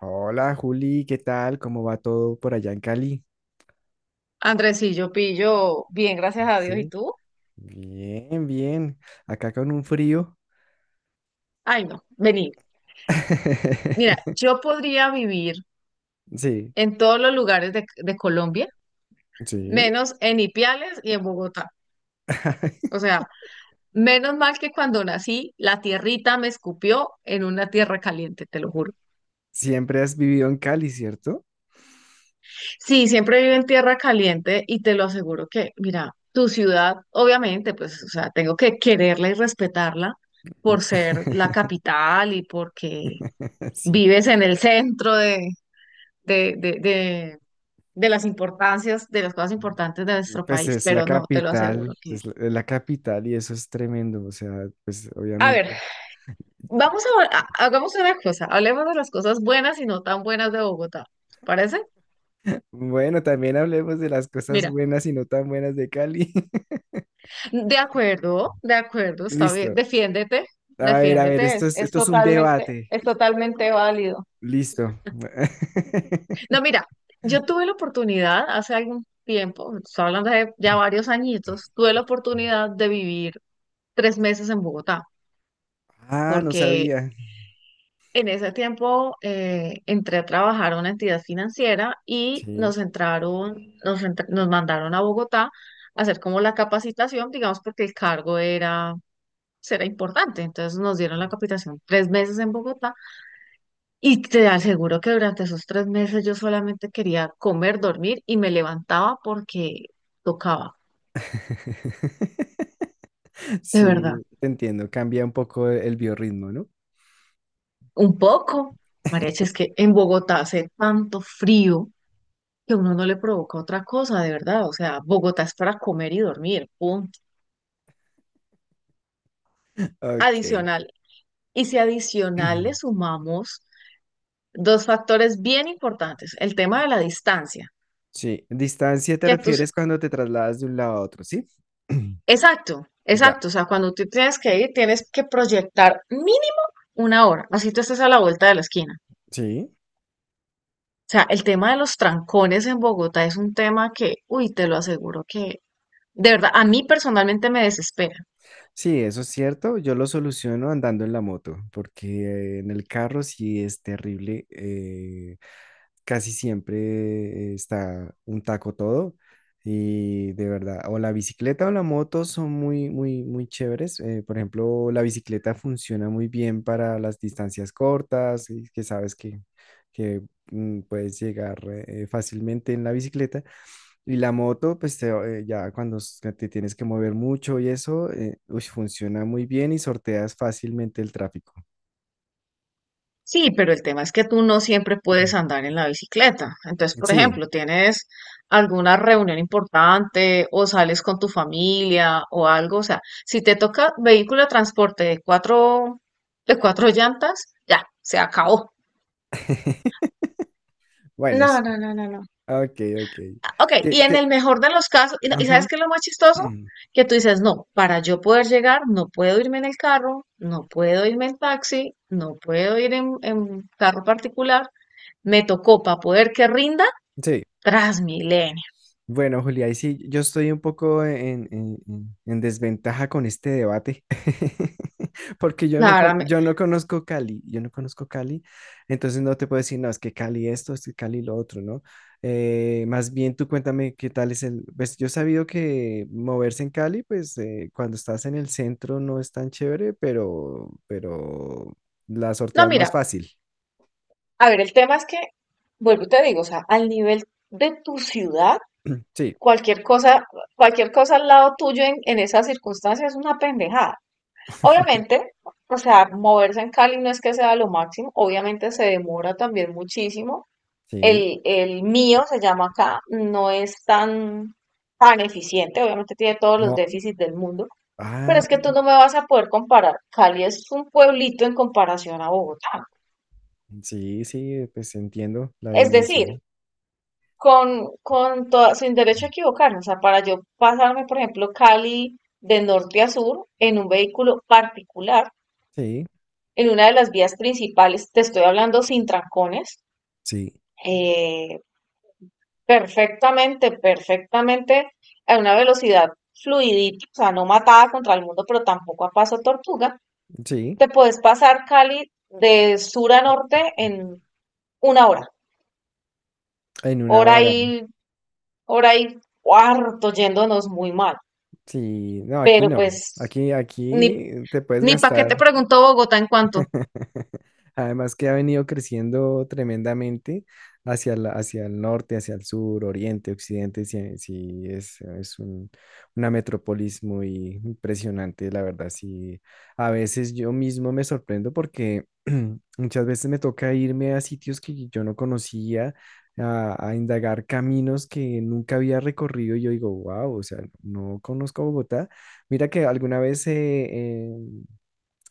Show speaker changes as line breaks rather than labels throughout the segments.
Hola Juli, ¿qué tal? ¿Cómo va todo por allá en Cali?
Andrés, sí, yo pillo bien, gracias a Dios. ¿Y
Sí,
tú?
bien, bien. Acá con un frío.
Ay, no, vení. Mira, yo podría vivir
Sí,
en todos los lugares de Colombia,
sí.
menos en Ipiales y en Bogotá. O sea, menos mal que cuando nací, la tierrita me escupió en una tierra caliente, te lo juro.
Siempre has vivido en Cali, ¿cierto?
Sí, siempre vivo en tierra caliente y te lo aseguro que, mira, tu ciudad, obviamente, pues, o sea, tengo que quererla y respetarla por ser la capital y porque
Sí.
vives en el centro de de, de, de, de las importancias, de las cosas importantes de nuestro
Pues
país,
es la
pero no, te lo aseguro
capital,
que...
es la capital y eso es tremendo. O sea, pues
A ver,
obviamente.
hagamos una cosa, hablemos de las cosas buenas y no tan buenas de Bogotá, ¿te parece?
Bueno, también hablemos de las cosas
Mira,
buenas y no tan buenas de Cali.
de acuerdo, está bien,
Listo.
defiéndete,
A ver,
defiéndete,
esto
es,
es,
es
esto es un
totalmente,
debate.
es totalmente válido.
Listo.
No, mira, yo tuve la oportunidad hace algún tiempo, estoy hablando de ya varios añitos, tuve la oportunidad de vivir 3 meses en Bogotá,
Ah, no
porque
sabía.
en ese tiempo entré a trabajar a una entidad financiera y
Sí.
nos entraron, nos, entr- nos mandaron a Bogotá a hacer como la capacitación, digamos, porque el cargo era importante. Entonces nos dieron la capacitación 3 meses en Bogotá y te aseguro que durante esos 3 meses yo solamente quería comer, dormir y me levantaba porque tocaba, de verdad.
Sí, te entiendo. Cambia un poco el biorritmo, ¿no?
Un poco, María, es que en Bogotá hace tanto frío que uno no le provoca otra cosa, de verdad. O sea, Bogotá es para comer y dormir, punto.
Ok.
Adicional. Y si adicional le sumamos dos factores bien importantes, el tema de la distancia,
Sí, distancia te
que tus...
refieres cuando te trasladas de un lado a otro, ¿sí?
Exacto,
Ya.
exacto. O sea, cuando tú tienes que ir, tienes que proyectar mínimo una hora, así tú estés a la vuelta de la esquina.
Sí,
O sea, el tema de los trancones en Bogotá es un tema que, uy, te lo aseguro que, de verdad, a mí personalmente me desespera.
sí, eso es cierto. Yo lo soluciono andando en la moto, porque en el carro sí es terrible. Casi siempre está un taco todo y de verdad, o la bicicleta o la moto son muy, muy, muy chéveres. Por ejemplo, la bicicleta funciona muy bien para las distancias cortas, y que sabes que, que puedes llegar fácilmente en la bicicleta. Y la moto, pues ya cuando te tienes que mover mucho y eso, uy, funciona muy bien y sorteas fácilmente el tráfico.
Sí, pero el tema es que tú no siempre puedes andar en la bicicleta. Entonces, por
Sí.
ejemplo, tienes alguna reunión importante o sales con tu familia o algo. O sea, si te toca vehículo de transporte de cuatro llantas, ya, se acabó.
Bueno,
No, no, no, no, no.
ah, ok, ok.
Ok, y
¿Qué,
en el
qué?
mejor de los casos, y, no- ¿y
Ajá.
sabes qué es lo más chistoso? Que tú dices, no, para yo poder llegar, no puedo irme en el carro, no puedo irme en taxi, no puedo ir en carro particular, me tocó para poder que rinda
Sí.
Transmilenio.
Bueno, Julia, ahí sí, yo estoy un poco en desventaja con este debate, porque
La verdad me...
yo no conozco Cali, yo no conozco Cali, entonces no te puedo decir, no, es que Cali esto, es que Cali lo otro, ¿no? Más bien tú cuéntame qué tal es el, pues yo he sabido que moverse en Cali, pues cuando estás en el centro no es tan chévere, pero la
No,
sorteas
mira,
más fácil.
a ver, el tema es que, vuelvo y te digo, o sea, al nivel de tu ciudad,
Sí,
cualquier cosa, cualquier cosa al lado tuyo en esas circunstancias es una pendejada. Obviamente, o sea, moverse en Cali no es que sea lo máximo, obviamente se demora también muchísimo.
sí.
El mío se llama acá, no es tan eficiente, obviamente tiene todos los
No.
déficits del mundo. Pero
Ah,
es que tú no me vas a poder comparar. Cali es un pueblito en comparación a Bogotá.
sí, sí, pues entiendo la
Es decir,
dimensión.
sin derecho a equivocarme. O sea, para yo pasarme, por ejemplo, Cali de norte a sur en un vehículo particular,
Sí,
en una de las vías principales, te estoy hablando sin trancones,
sí,
eh, perfectamente, perfectamente a una velocidad fluidita, o sea, no matada contra el mundo, pero tampoco a paso tortuga,
sí.
te puedes pasar Cali de sur a norte en una hora,
En una
hora
hora.
y, hora y cuarto yéndonos muy mal.
Sí, no, aquí
Pero
no.
pues,
Aquí,
ni,
aquí te puedes
ni pa' qué
gastar.
te pregunto Bogotá en cuanto.
Además que ha venido creciendo tremendamente hacia el norte, hacia el sur, oriente, occidente, sí, sí, es una metrópolis muy impresionante, la verdad, sí. A veces yo mismo me sorprendo porque muchas veces me toca irme a sitios que yo no conocía, a indagar caminos que nunca había recorrido y yo digo, wow, o sea, no conozco Bogotá. Mira que alguna vez eh,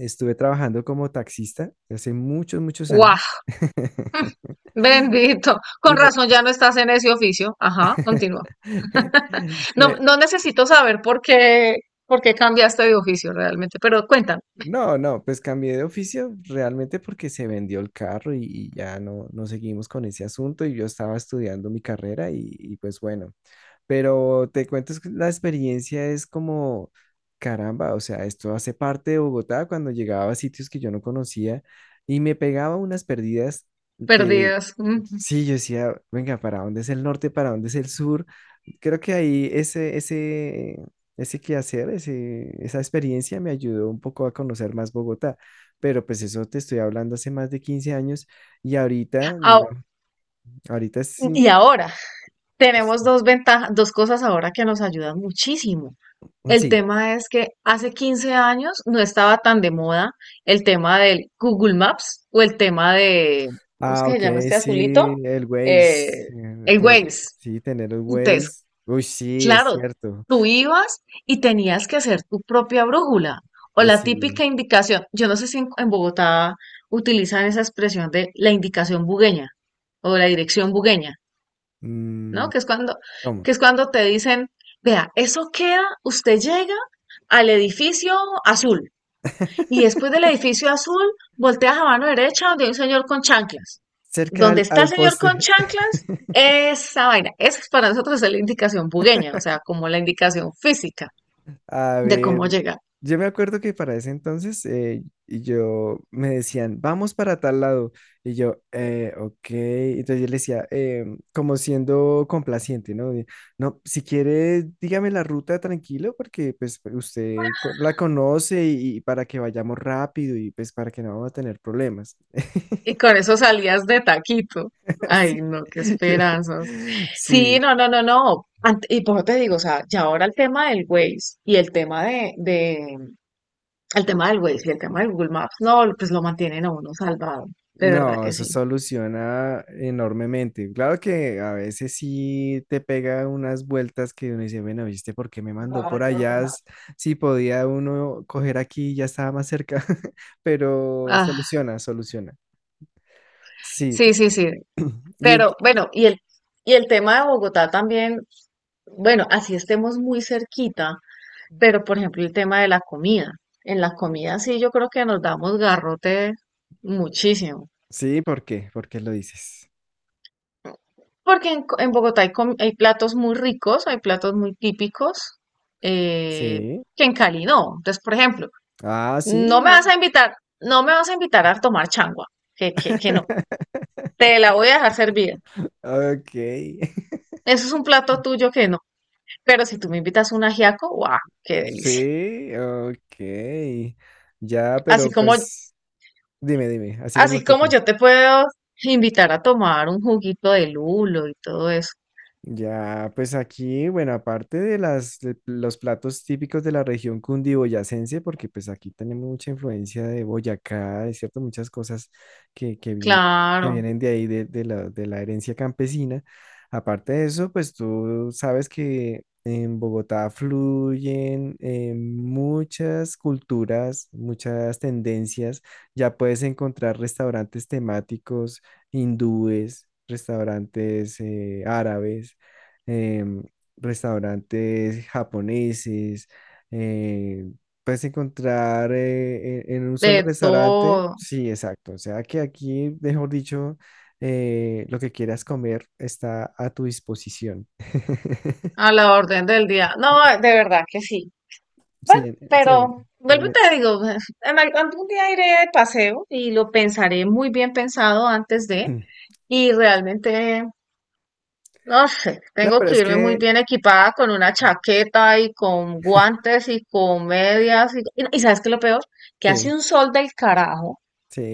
estuve trabajando como taxista hace muchos, muchos
¡Guau!
años.
Bendito.
Y
Con
me,
razón ya no estás en ese oficio. Ajá, continúa. No,
me-
no necesito saber por qué cambiaste de oficio realmente, pero cuentan,
no, no, pues cambié de oficio realmente porque se vendió el carro y ya no seguimos con ese asunto y yo estaba estudiando mi carrera y pues bueno. Pero te cuento es que la experiencia es como, caramba, o sea, esto hace parte de Bogotá cuando llegaba a sitios que yo no conocía y me pegaba unas perdidas que
perdidas. Ujú.
sí, yo decía, venga, ¿para dónde es el norte? ¿Para dónde es el sur? Creo que ahí ese quehacer, esa experiencia me ayudó un poco a conocer más Bogotá. Pero pues eso te estoy hablando hace más de 15 años y ahorita,
Ao...
no, ahorita sí,
Y ahora, tenemos dos ventajas, dos cosas ahora que nos ayudan muchísimo. El
sí,
tema es que hace 15 años no estaba tan de moda el tema del Google Maps o el tema de, ¿cómo es
ah,
que se
ok,
llama este
sí,
azulito?
el Waze.
Eh, el Waze.
Sí, tener el
Entonces,
Waze. Uy, sí, es
claro,
cierto.
tú ibas y tenías que hacer tu propia brújula o la
Sí.
típica indicación. Yo no sé si en Bogotá utilizan esa expresión de la indicación bugueña o la dirección bugueña. ¿No?
mm, ¿Cómo?
Que es cuando te dicen, vea, eso queda, usted llega al edificio azul y después del edificio azul volteas a mano derecha donde hay un señor con chanclas.
Cerca al,
Donde está el
al
señor con
poste.
chanclas, esa vaina. Esa es para nosotros es la indicación bugueña, o sea, como la indicación física
A
de
ver,
cómo llegar.
yo me acuerdo que para ese entonces y yo me decían, vamos para tal lado. Y yo, ok. Entonces yo le decía, como siendo complaciente, ¿no? No, si quiere, dígame la ruta tranquilo, porque pues usted la conoce y para que vayamos rápido y pues para que no vamos a tener problemas.
Y con eso salías de taquito. Ay,
Sí.
no, qué
Yo-
esperanzas. Sí,
sí.
no, no, no, no. Ant- y por eso te digo, o sea, ya ahora el tema del Waze y el tema el tema del Waze y el tema del Google Maps, no, pues lo mantienen a uno salvado, de verdad
No,
que
eso
sí.
soluciona enormemente. Claro que a veces sí te pega unas vueltas que uno dice, bueno, ¿viste por qué me mandó por allá? Si podía uno coger aquí, ya estaba más cerca, pero
Ah,
soluciona, soluciona. Sí,
sí, sí, sí.
y
Pero bueno, y el tema de Bogotá también, bueno, así estemos muy cerquita, pero por ejemplo el tema de la comida. En la comida sí yo creo que nos damos garrote muchísimo.
sí, ¿por qué? ¿Por qué lo dices?
Porque en Bogotá hay platos muy ricos, hay platos muy típicos, eh,
Sí.
que en Cali no. Entonces, por ejemplo,
Ah, sí,
no me
no.
vas a invitar, no me vas a invitar a tomar changua, que no. Te la voy a dejar servida.
Ok.
Eso es un plato tuyo que no. Pero si tú me invitas un ajiaco, ¡guau! ¡Qué delicia!
Sí, ok. Ya,
Así
pero
como,
pues dime, dime, así como
así
tú
como
que.
yo te puedo invitar a tomar un juguito de lulo y todo eso.
Ya, pues aquí, bueno, aparte de los platos típicos de la región cundiboyacense, porque pues aquí tenemos mucha influencia de Boyacá, es cierto, muchas cosas que, que, vienen, que
Claro,
vienen de ahí, de la herencia campesina. Aparte de eso, pues tú sabes que en Bogotá fluyen muchas culturas, muchas tendencias. Ya puedes encontrar restaurantes temáticos hindúes, restaurantes árabes em, restaurantes japoneses, eh, puedes encontrar en un solo
de
restaurante,
todo,
sí, exacto, o sea que aquí, mejor dicho, lo que quieras comer está a tu disposición.
a la orden del día. No, de verdad que sí.
Sí,
Bueno,
sí,
pero vuelvo y
en-
te digo, en algún día iré de paseo y lo pensaré muy bien pensado antes de, y realmente no sé,
no,
tengo
pero
que
es
irme muy
que,
bien equipada con una chaqueta y con guantes y con medias. Y ¿sabes qué es lo peor? Que hace
sí,
un sol del carajo,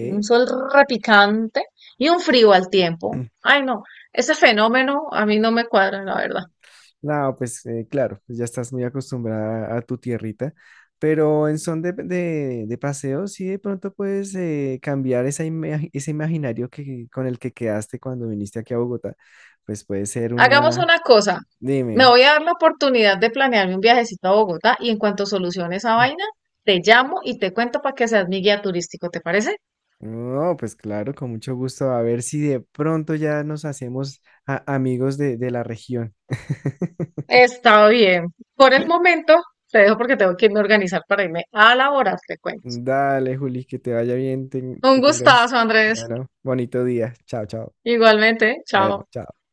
un sol repicante y un frío al tiempo. Ay, no, ese fenómeno a mí no me cuadra, la verdad.
No, pues claro, pues ya estás muy acostumbrada a tu tierrita, pero en son de paseo, sí de pronto puedes cambiar esa ese imaginario que, con el que quedaste cuando viniste aquí a Bogotá, pues puede ser
Hagamos
una,
una cosa, me
dime,
voy a dar la oportunidad de planearme un viajecito a Bogotá y en cuanto solucione esa vaina, te llamo y te cuento para que seas mi guía turístico, ¿te parece?
no, pues claro, con mucho gusto, a ver si de pronto ya nos hacemos amigos de la región.
Está bien. Por el momento te dejo porque tengo que irme a organizar para irme a laborar, te cuento.
Dale, Juli, que te vaya bien,
Un
que tengas,
gustazo, Andrés.
bueno, bonito día, chao, chao,
Igualmente,
bueno,
chao.
chao.